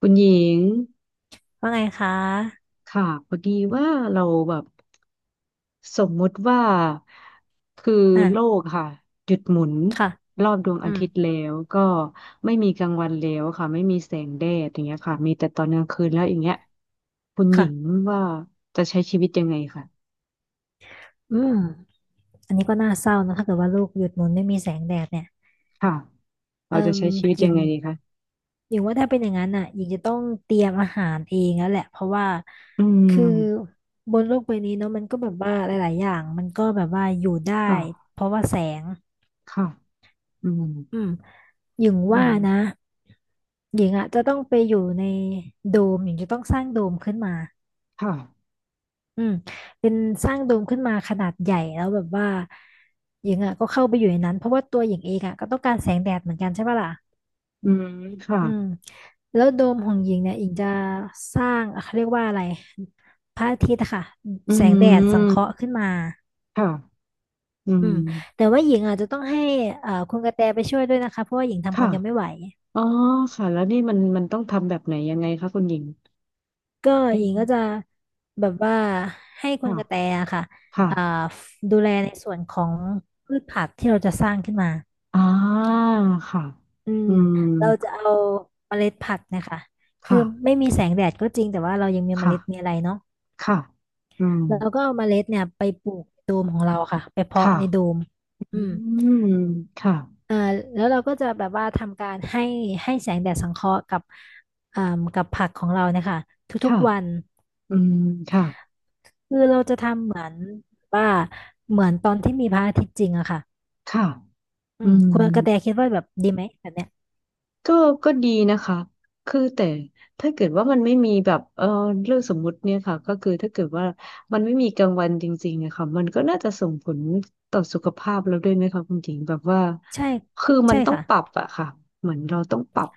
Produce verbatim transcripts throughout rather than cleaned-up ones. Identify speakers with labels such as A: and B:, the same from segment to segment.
A: คุณหญิง
B: ว่าไงคะ
A: ค่ะพอดีว่าเราแบบสมมุติว่าคือโล
B: อ่า
A: กค่ะหยุดหมุน
B: ค่ะ
A: รอบดวง
B: อื
A: อา
B: ม
A: ทิตย์แล้วก็ไม่มีกลางวันแล้วค่ะไม่มีแสงแดดอย่างเงี้ยค่ะมีแต่ตอนกลางคืนแล้วอย่างเงี้ยคุณหญิง
B: ค่ะ
A: ว่าจะใช้ชีวิตยังไงค่ะ
B: อืมอันนี้ก็น่าเศร้านะถ้าเกิดว่าลูกหยุดหมุนไม่มีแสงแดดเนี่ย
A: ค่ะเรา
B: เอิ่
A: จะ
B: ม
A: ใช้ชีวิต
B: หญิ
A: ยัง
B: ง
A: ไงดีคะ
B: หญิงว่าถ้าเป็นอย่างนั้นอ่ะหญิงจะต้องเตรียมอาหารเองแล้วแหละเพราะว่า
A: อืม
B: คือบนโลกใบนี้เนาะมันก็แบบว่าหลายๆอย่างมันก็แบบว่าอยู่ได้
A: ค่ะ
B: เพราะว่าแสง
A: ค่ะอืม
B: อืมหญิง
A: อื
B: ว่านะ
A: ม
B: หญิงอ่ะจะต้องไปอยู่ในโดมหญิงจะต้องสร้างโดมขึ้นมา
A: ค่ะ
B: อืมเป็นสร้างโดมขึ้นมาขนาดใหญ่แล้วแบบว่าหญิงอ่ะก็เข้าไปอยู่ในนั้นเพราะว่าตัวหญิงเองอ่ะก็ต้องการแสงแดดเหมือนกันใช่ปะล่ะ
A: อืมค่ะ
B: อืมแล้วโดมของหญิงเนี่ยหญิงจะสร้างอ่ะเขาเรียกว่าอะไรพระอาทิตย์อะค่ะ
A: อื
B: แสงแดดสังเค
A: ม
B: ราะห์ขึ้นมา
A: ค่ะอื
B: อื
A: ม
B: มแต่ว่าหญิงอาจจะต้องให้เอ่อคุณกระแตไปช่วยด้วยนะคะเพราะว่าหญิงทำค
A: ค่ะ
B: นเดียวไม่ไหว
A: อ๋อค่ะแล้วนี่มันมันต้องทำแบบไหนยังไงคะคุณหญิง
B: ก็
A: ไป
B: หญิง
A: ดู
B: ก็จะแบบว่าให้คุณ
A: ค่ะ
B: กระแตอะค่ะ
A: ค่ะ
B: อ่าดูแลในส่วนของพืชผักที่เราจะสร้างขึ้นมา
A: อ่าค่ะ
B: อืม
A: อืม
B: เราจะเอาเมล็ดผักเนะคะคือ
A: ค่ะ
B: ไม่มีแสงแดดก็จริงแต่ว่าเรายังมีเม
A: ค่ะ
B: ล็ดมีอะไรเนาะ
A: ค่ะอืม
B: เราก็เอาเมล็ดเนี่ยไปปลูกในโดมของเราค่ะไปเพาะ
A: ค่ะ
B: ในโดมอื
A: อื
B: ม
A: มค่ะ
B: เอ่อแล้วเราก็จะแบบว่าทำการให้ให้แสงแดดสังเคราะห์กับอ่ากับผักของเราเนะคะทุก
A: ค่ะ
B: ๆวัน
A: อืมค่ะ
B: คือเราจะทำเหมือนว่าเหมือนตอนที่มีพระอาทิตย์จริงอะค่ะ
A: ค่ะ
B: อื
A: อื
B: มคุณกระ
A: ม
B: แตคิดว่าแบบดีไหมแบบเนี้ย
A: ก็ก็ดีนะคะคือแต่ถ้าเกิดว่ามันไม่มีแบบเออเรื่องสมมุติเนี่ยค่ะก็คือถ้าเกิดว่ามันไม่มีกลางวันจริงๆอะค่ะมันก็น่าจะส่งผลต่อสุขภาพเราด้วยไหมคะคุณหญิงแบบว่า
B: ใช่
A: คือมั
B: ใช่
A: นต้อง
B: ค่ะ
A: ปรับอะค่ะเหมือนเราต้องปรับ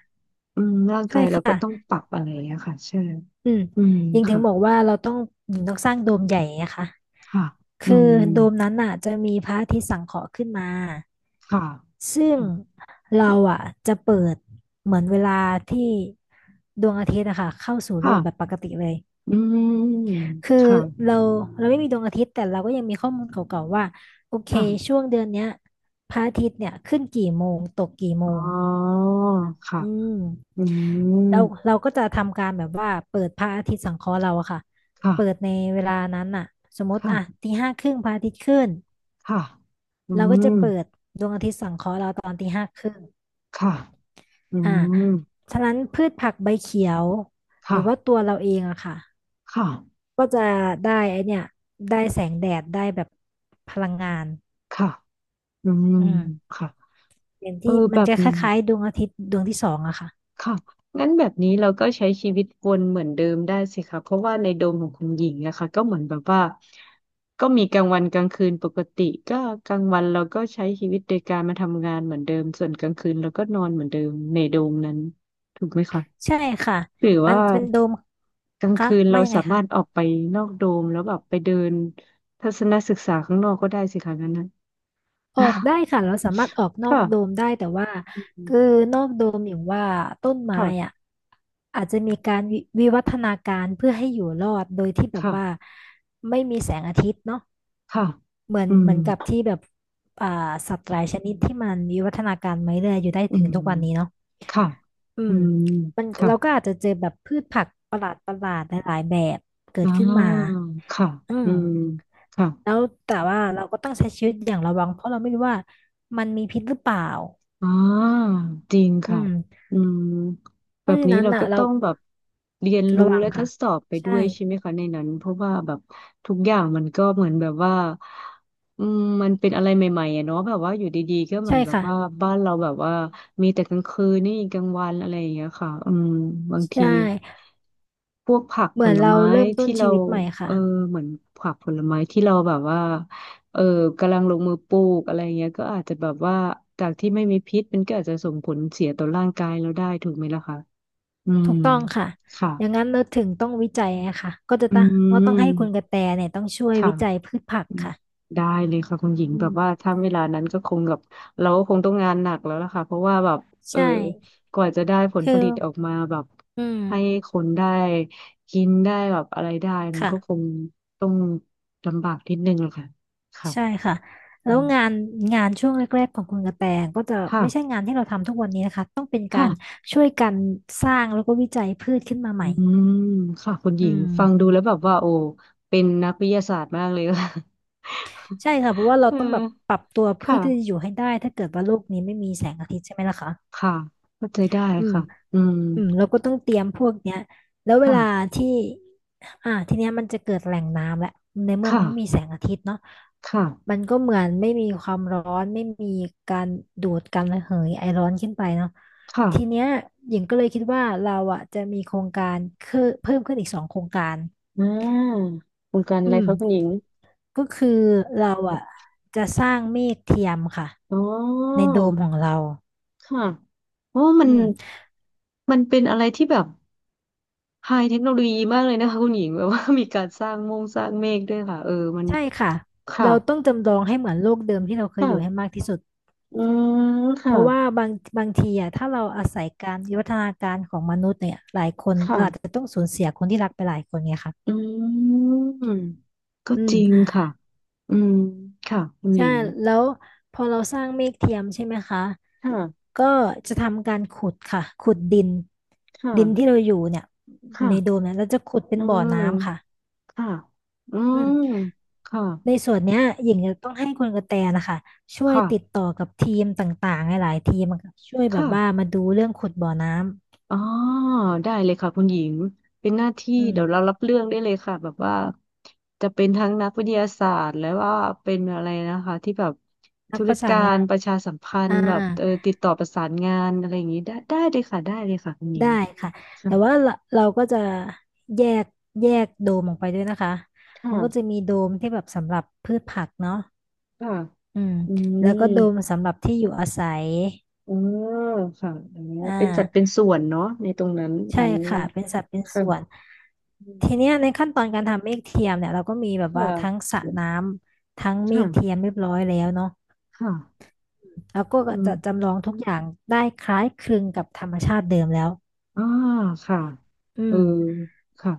A: อืมร่างกายเราก็ต้องปรับอะไรอะี้ยค่ะใช่
B: อืม
A: อืม
B: ยิงถึง
A: ค่ะ
B: บอกว่าเราต้องยิงต้องสร้างโดมใหญ่นะคะ
A: ค่ะ
B: คื
A: อื
B: อโด
A: ม
B: มนั้นน่ะจะมีพระอาทิตย์สังเคราะห์ขึ้นมา
A: ค่ะ
B: ซึ่งเราอ่ะจะเปิดเหมือนเวลาที่ดวงอาทิตย์นะคะเข้าสู่โล
A: ค่ะ
B: กแบบปกติเลย
A: อืม
B: คือ
A: ค่ะ
B: เราเราไม่มีดวงอาทิตย์แต่เราก็ยังมีข้อมูลเก่าๆว่าโอเค
A: ค่ะ
B: ช่วงเดือนเนี้ยพระอาทิตย์เนี่ยขึ้นกี่โมงตกกี่โม
A: อ๋
B: ง
A: อค่ะ
B: อืม
A: อืม
B: เราเราก็จะทำการแบบว่าเปิดพระอาทิตย์สังเคราะห์เราอะค่ะ
A: ค่ะ
B: เปิดในเวลานั้นน่ะสมมติ
A: ค่ะ
B: อ่ะตีห้าครึ่งพระอาทิตย์ขึ้น
A: ค่ะอื
B: เราก็จะ
A: ม
B: เปิด
A: ค่ะอื
B: อ่า
A: ม
B: ฉะนั้นพืชผักใบเขียวหรื
A: ค่ะ
B: อว่าตัวเราเองอะค่ะ
A: ค่ะ
B: ก็จะได้ไอเนี่ยได้แสงแดดได้แบบพลังงาน
A: ค่ะอืม
B: อืม
A: ค่ะ
B: อย่าง
A: เอ
B: ที่
A: อ
B: มั
A: แบ
B: น
A: บ
B: จะค
A: นี้
B: ล้ายๆดวงอาทิตย์ดวงที่สองอะค่ะ
A: ค่ะงั้นแบบนี้เราก็ใช้ชีวิตวนเหมือนเดิมได้สิคะเพราะว่าในโดมของคุณหญิงนะคะก็เหมือนแบบว่าก็มีกลางวันกลางคืนปกติก็กลางวันเราก็ใช้ชีวิตโดยการมาทำงานเหมือนเดิมส่วนกลางคืนเราก็นอนเหมือนเดิมในโดมนั้นถูกไหมคะ
B: ใช่ค่ะ
A: หรือ
B: มัน
A: ว่า
B: เป็นโดม
A: กลาง
B: คะ
A: คืนเรา
B: ว่ายังไง
A: สามา
B: คะ
A: รถออกไปนอกโดมแล้วแบบไปเดินทัศนศึกษาข้างนอกก็ได้สิคะนั้นนะ
B: ออก ได้ค่ะเราสามารถออกนอกโด
A: ค่ะ
B: มได้แต่ว่า
A: อืม
B: คือนอกโดมอย่างว่าต้นไม้
A: ค่ะ
B: อ่ะอาจจะมีการวิวิวัฒนาการเพื่อให้อยู่รอดโดยที่แบบ
A: ค่ะ
B: ว่าไม่มีแสงอาทิตย์เนาะ
A: ค่ะ
B: เหมือน
A: อื
B: เห
A: ม
B: มือนกับที่แบบอ่าสัตว์หลายชนิดที่มันอยู่
A: อื
B: นี่เนาะ
A: มค่ะ
B: อื
A: อื
B: ม
A: ม
B: มันเราก็
A: ค่ะ
B: อาจจะเจอแบบพืชผักประหลาดประหลาดหลายๆแบบเกิ
A: อ่
B: ดขึ้นมา
A: าค่ะ
B: อื
A: อื
B: ม
A: มค่ะ
B: แล้วแต่ว่าเราก็ต้องใช้ชีวิตอย่างระวังเพราะเราไม่รู้ว่ามันมีพิษหรือเปล่า
A: อ่าจริง
B: อื
A: ค่ะ
B: ม
A: อืม
B: เพ
A: แบ
B: ราะ
A: บ
B: ฉะ
A: นี้
B: นั้น
A: เรา
B: อ่ะ
A: ก็
B: เรา
A: ต้องแบบเรียนรู้
B: ระวัง
A: และท
B: ค่ะ
A: ดสอบไปด้
B: ใช่
A: วยใช่ไหมคะในนั้นเพราะว่าแบบทุกอย่างมันก็เหมือนแบบว่าอืมมันเป็นอะไรใหม่ๆอะเนาะแบบว่าอยู่ดีๆก็เหมือ
B: ใช่
A: นแบบ
B: ค่ะ
A: ว่าบ้านเราแบบว่ามีแต่กลางคืนนี่กลางวันอะไรอย่างเงี้ยค่ะอืมบาง
B: ใช่
A: ทีพวกผัก
B: เห
A: ผ
B: มือน
A: ล
B: เรา
A: ไม้
B: เริ่มต้น
A: ที่เรา
B: ชีวิตใหม่
A: เอ
B: ค่ะ
A: อเหมือนผักผลไม้ที่เราแบบว่า เออกำลังลงมือปลูกอะไรเงี้ยก็อาจจะแบบว่าจากที่ไม่มีพิษมันก็อาจจะส่งผลเสียต่อร่างกายเราได้ถูกไหมล่ะคะอืม
B: ถูกต้องค่ะ
A: ค่ะ
B: อย่างนั้นเราถึงต้องวิจัยอะค่ะก็จะ
A: อื
B: ต้องว่าต้องให้คุณกระ
A: ม
B: แตเนี่ยต้องช่วย
A: ค่ะ
B: วิจัยพืชผัก
A: อืม
B: ค่ะ
A: ได้เลยค่ะคุณหญิง
B: อื
A: แบบ
B: ม
A: ว่าถ้าเวลานั้นก็คงแบบเราก็คงต้องงานหนักแล้วล่ะค่ะเพราะว่าแบบเออ
B: ใช่
A: กว่าจะได้ผล
B: คือ
A: ผลิตออกมาแบบ
B: อื
A: ให้
B: ม
A: คนได้กินได้แบบอะไรได้มันก็ค
B: ค่ะ
A: งต้องลำบากนิดนึงแหละค่ะค่ะ
B: ใช่ค่ะ
A: อื
B: แล้ว
A: ม
B: งานงานช่วงแรกๆของคุณกระแตก็จะไม่ใช่
A: ค่ะ
B: งานที่เราทำทุกวันนี้นะคะต้องเป็นกา
A: ค่ะ
B: รช่วยกันสร้างแล้วก็วิจัยพืชขึ้นมาให
A: อื
B: ม่
A: มค่ะคุณห
B: อื
A: ญิง
B: ม
A: ฟังดูแล้วแบบว่าโอ้เป็นนักวิทยาศาสตร์มากเลย ค่ะ
B: ใช่ค่ะเพราะ ว่าเรา
A: เอ
B: ต้อง
A: อ
B: แบบปรับตัวเพื่อที่จะ
A: ค่ะ
B: อยู่ให้ได้ถ้าเกิดว่าโลกนี้ไม่มีแสงอาทิตย์ใช่ไหมล่ะคะ
A: ค่ะเข้าใจได้
B: อืม
A: ค่ะอืม
B: อืมเราก็ต้องเตรียมพวกเนี้ยแล้วเว
A: ค่ะ
B: ลาที่อ่าทีเนี้ยมันจะเกิดแหล่งน้ำแหละในเมื่อ
A: ค่ะ
B: มันไม่มีแสงอาทิตย์เนาะ
A: ค่ะ
B: มันก็เหมือนไม่มีความร้อนไม่มีการดูดการระเหยไอร้อนขึ้นไปเนาะ
A: ค่ะ
B: ทีเนี้ยหญิงก็เลยคิดว่าเราอ่ะจะมีโครงการคือเพิ่มขึ้นอีกสองโครงการ
A: อ่าโครงการ
B: อื
A: อะไร
B: ม
A: คะคุณหญิง
B: ก็คือเราอ่ะจะสร้างเมฆเทียมค่ะ
A: อ๋
B: ใน
A: อ
B: โดมของเรา
A: ค่ะโอ้มั
B: อื
A: น
B: ม
A: มันเป็นอะไรที่แบบไฮเทคโนโลยีมากเลยนะคะคุณหญิงแบบว่ามีการสร้างมงสร้างเมฆด้วยค่ะเออมัน
B: ใช่ค่ะ
A: ค่ะ
B: เราต้องจำลองให้เหมือนโลกเดิมที่เราเคยอยู่ให้
A: ค่ะ
B: มากที่สุด
A: อืม
B: เพ
A: ค่ะ
B: ราะว่าบางบางทีอ่ะถ้าเราอาศัยการวิวัฒนาการของมนุษย์เนี่ยหลายคนเราอาจ
A: ค่ะ
B: จะต้องสูญเสียคนที่รักไปหลายคนไงค่ะ
A: อืมก็
B: อื
A: จ
B: ม
A: ริงค่ะอืมค่ะคุณห
B: ใช่
A: ญิง
B: แล้วพอเราสร้างเมฆเทียมใช่ไหมคะ
A: ค่ะ
B: ก็จะทำการขุดค่ะ ขุดดิน
A: ค
B: ดินที่
A: ่ะ
B: เราอยู่เนี่ย
A: ค่ะ
B: ในโดมเนี่ยเราจะขุดเป็น
A: อื
B: บ่อ
A: ม
B: น้ำค่ะ
A: ค่ะอื
B: อื
A: ม
B: ม
A: ค่ะ
B: ในส่วนเนี้ยหญิงจะต้องให้คุณกระแตนะคะช่วย
A: ค่ะ
B: ติดต่อกับทีมต่างๆหลายๆทีมอะค่ะช่วยแบบ
A: ค่ะ
B: ว่ามาดูเรื่องขุดบ่อน้ำ
A: อ๋อได้เลยค่ะคุณหญิงเป็นหน้าที่
B: อืม
A: เดี๋ยวเรารับเรื่องได้เลยค่ะแบบว่าจะเป็นทั้งนักวิทยาศาสตร์แล้วว่าเป็นอะไรนะคะที่แบบ
B: นั
A: ธุ
B: กป
A: ร
B: ระสา
A: กา
B: นงา
A: ร
B: น
A: ประชาสัมพัน
B: อ่า
A: ธ์แบบเออติดต่อประสานงานอะไรอย่างนี้ได้ได้เลยค่ะได้เลยค่ะคุณหญิ
B: ได้
A: ง
B: ค่ะ
A: ค่ะ
B: แต่ว่าเราเราก็จะแยกแยกโดมออกไปด้วยนะคะ
A: ค่ะ
B: มันก็จะมีโดมที่แบบสำหรับพืชผักเนาะ
A: ค่ะ
B: อืม
A: อื
B: แล้ว
A: ม
B: ก็โดมสำหรับที่อยู่อาศัย
A: อ๋อค่ะอ๋อ
B: อ่
A: เป็นจัดเป็น
B: า
A: ส่วนเนาะในตรงนั้นอ๋
B: ใช่
A: อ
B: ค่ะเป็นสัดเป็น
A: ค่ะ
B: ส่วน
A: อืม
B: ทีเนี้ยในขั้นตอนการทำเมฆเทียมเนี่ยเราก็มีแบบว่าทั้ง
A: ค่ะ
B: สระน้ำทั้งเมฆเทียม
A: ค่ะ
B: เรียบร้อยแล้วเนาะ
A: ค่ะ
B: แล้วก็
A: อืม
B: จะจำลองทุกอย่างได้คล้ายคลึงกับธรรมชาติเดิมแล้ว
A: อ่าค่ะ
B: อื
A: เออ
B: ม
A: ค่ะ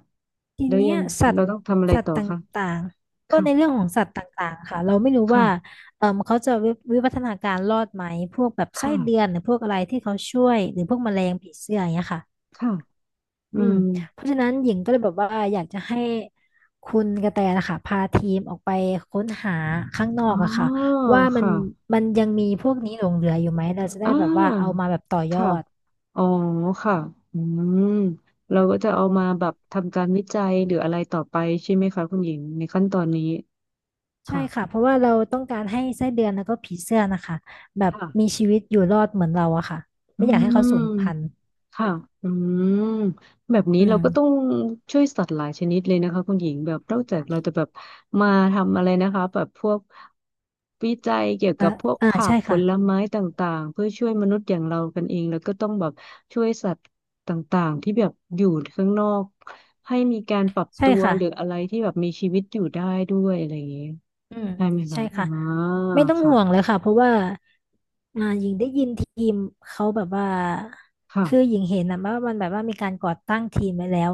B: ที
A: แล้ว
B: เนี้
A: ยั
B: ย
A: ง
B: สัต
A: เรา
B: ว์
A: ต้องทำอะไร
B: สัต
A: ต่
B: ว์
A: อ
B: ต
A: คะ
B: ่างๆก็
A: ค่ะ
B: ในเรื่องของสัตว์ต่างๆค่ะเราไม่รู้
A: ค่ะ
B: ว่าเออเขาจะวิวิวัฒนาการรอดไหมพวกแบบไส้
A: ค่ะ
B: เดือนหรือพวกอะไรที่เขาช่วยหรือพวกแมลงผีเสื้ออย่างเงี้ยค่ะ
A: ค่ะ อื
B: อืม
A: ม
B: เพราะฉะนั้นหญิงก็เลยแบบว่าอยากจะให้คุณกระแตนะคะพาทีมออกไปค้นหาข้างนอ
A: อ๋
B: กอะค่ะ
A: อ
B: ว่ามัน
A: ค่ะ
B: มันยังมีพวกนี้หลงเหลืออยู่ไหมเราจะได้
A: อ่า
B: แบบว่าเอามาแบบต่อยอ
A: ค่ะ
B: ด
A: อ๋อค่ะอืมเราก็จะเอา
B: อื
A: มา
B: ม
A: แบบทำการวิจัยหรืออะไรต่อไปใช่ไหมคะคุณหญิงในขั้นตอนนี้
B: ใช่
A: ค่ะ
B: ค่ะเพราะว่าเราต้องการให้ไส้เดือนแล้วก็ผีเสื้อนะคะแบบมี
A: ค่ะ
B: ชีวิตอยู่รอดเหมือนเราอะค่ะ
A: อื
B: ไม่อยากให้เขา
A: ม
B: สูญพันธุ์
A: ค่ะอืมแบบนี้
B: อื
A: เรา
B: ม
A: ก็ต้องช่วยสัตว์หลายชนิดเลยนะคะคุณหญิงแบบนอกจากเราจะแบบมาทำอะไรนะคะแบบพวกวิจัยเกี่ยว
B: อ่า
A: กับพวก
B: อ่า
A: ผัก
B: ใช่
A: ผ
B: ค่ะ
A: ลไม้ต่างๆเพื่อช่วยมนุษย์อย่างเรากันเองแล้วก็ต้องแบบช่วยสัตว์ต่างๆที่แบบอยู่ข้างนอกให้มีการปรับ
B: ใช่
A: ตัว
B: ค่ะ
A: หรืออะไรที่แบบมีชีวิตอยู่ได้ด้วยอะไรอย่างเงี้ย
B: อืม
A: ใช่ไหมคะ
B: ใช่
A: อ่า
B: ค่ะ ไม่ต้อง
A: ค่ะ
B: ห่วงเลยค่ะเพราะว่าอ่าหญิงได้ยินทีมเขาแบบว่า
A: ค่ะ
B: คือหญิงเห็นนะว่ามันแบบว่ามีการก่อตั้งทีมไว้แล้ว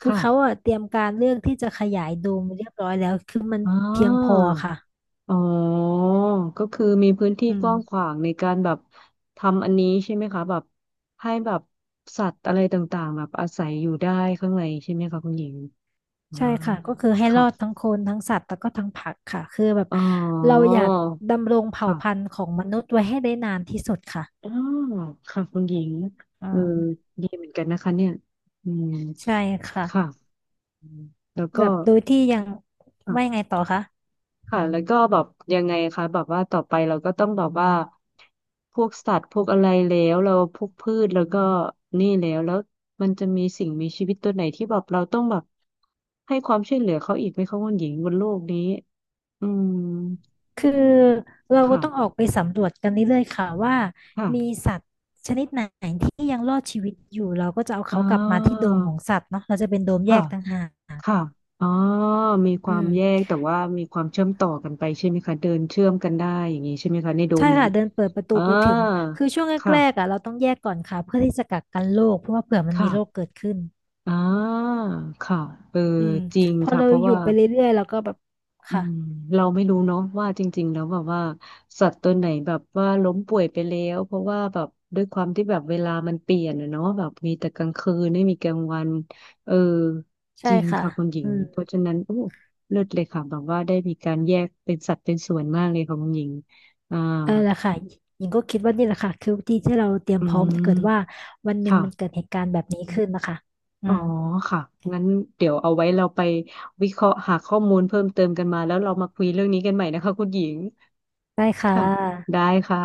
B: คือเขา
A: ค่ะ
B: อ่ะเตรียมการเรื่องที่จะขยายโดมเรียบร้อยแล้วคือมัน
A: อ่า
B: เพียงพอค่ะ
A: อ๋อก็คือมีพื้นที่
B: อื
A: ก
B: ม
A: ว้างขวางในการแบบทำอันนี้ใช่ไหมคะแบบให้แบบสัตว์อะไรต่างๆแบบอาศัยอยู่ได้ข้างในใช่ไหมคะคุณหญิงอ่า
B: ใช่ค่ะก็คือให้รอ
A: ค่ะ
B: ดทั้งคนทั้งสัตว์แล้วก็ทั้งผักค่ะคือแบบ
A: อ๋อ
B: เราอยากดำรงเผ่า
A: ค่ะ
B: พันธุ์ของมนุษย์ไว้ให้ได้นานที่สุดค่ะ
A: อ๋อค่ะคุณหญิง
B: อื
A: เออ
B: ม
A: ดีเหมือนกันนะคะเนี่ยอืม
B: ใช่ค่ะ
A: ค่ะอืมแล้วก็
B: แบบโดยที่ยังว่ายังไงต่อคะ
A: ค่ะแล้วก็แบบยังไงคะแบบว่าต่อไปเราก็ต้องแบบว่าพวกสัตว์พวกอะไรแล้วเราพวกพืชแล้วก็นี่แล้วแล้วมันจะมีสิ่งมีชีวิตตัวไหนที่แบบเราต้องแบบให้ความช่วยเหลือเขาอีกไหมคะคุณหญิงบนโลกนี้อืม
B: คือเราก็
A: ค่ะ
B: ต้องออกไปสำรวจกันเรื่อยๆค่ะว่า
A: ค่ะ
B: มีสัตว์ชนิดไหนที่ยังรอดชีวิตอยู่เราก็จะเอา
A: อ่
B: เขากลับมาที่โด
A: า
B: มของสัตว์เนาะเราจะเป็นโดมแย
A: ค่ะ
B: กต่างหาก
A: ค่ะอ๋อมีค
B: อื
A: วาม
B: ม
A: แยกแต่ว่ามีความเชื่อมต่อกันไปใช่ไหมคะเดินเชื่อมกันได้อย่างนี้ใช่ไหมคะในโด
B: ใช่
A: มนั้
B: ค่ะ
A: น
B: เดินเปิดประตู
A: อ่า
B: ไปถึงคือช่วงแรกๆ
A: ค่ะ
B: อ่ะเราต้องแยกก่อนค่ะเพื่อที่จะกักกันโรคเพราะว่าเผื่อมันมี
A: ค่ะ
B: โรคเกิดขึ้น
A: อ่าค่ะเออ
B: อืม
A: จริง
B: พอ
A: ค่ะ
B: เรา
A: เพราะ
B: อยู่
A: ว่า
B: ไปเรื่อยๆเราก็แบบ
A: อื
B: ค่ะ
A: มเราไม่รู้เนาะว่าจริงๆแล้วแบบว่า สัตว์ตัวไหนแบบว่าล้มป่วยไปแล้ว เพราะว่าแบบด้วยความที่แบบเวลามันเปลี่ยนอะเนาะแบบมีแต่กลางคืนไม่มีกลางวันเออจ
B: ใช่
A: ริง
B: ค่ะ
A: ค่ะคุณหญิ
B: อื
A: ง
B: ม
A: เพราะฉะนั้นโอ้เลิศเลยค่ะแบบว่าได้มีการแยกเป็นสัตว์เป็นส่วนมากเลยค่ะคุณหญิงอ่า
B: เออแหละค่ะหญิงก็คิดว่านี่แหละค่ะคือวิธีที่เราเตรียม
A: อื
B: พร้อมถ้าเกิดว่า
A: ม
B: วันหนึ่ง
A: ค่ะ
B: มันเกิดเหตุการณ์แบบนี้ขึ้นนะคะอื
A: อ๋อ
B: ม
A: ค่ะงั้นเดี๋ยวเอาไว้เราไปวิเคราะห์หาข้อมูลเพิ่มเติมกันมาแล้วเรามาคุยเรื่องนี้กันใหม่นะคะคุณหญิง
B: ได้ค่ะ
A: ค่ะได้ค่ะ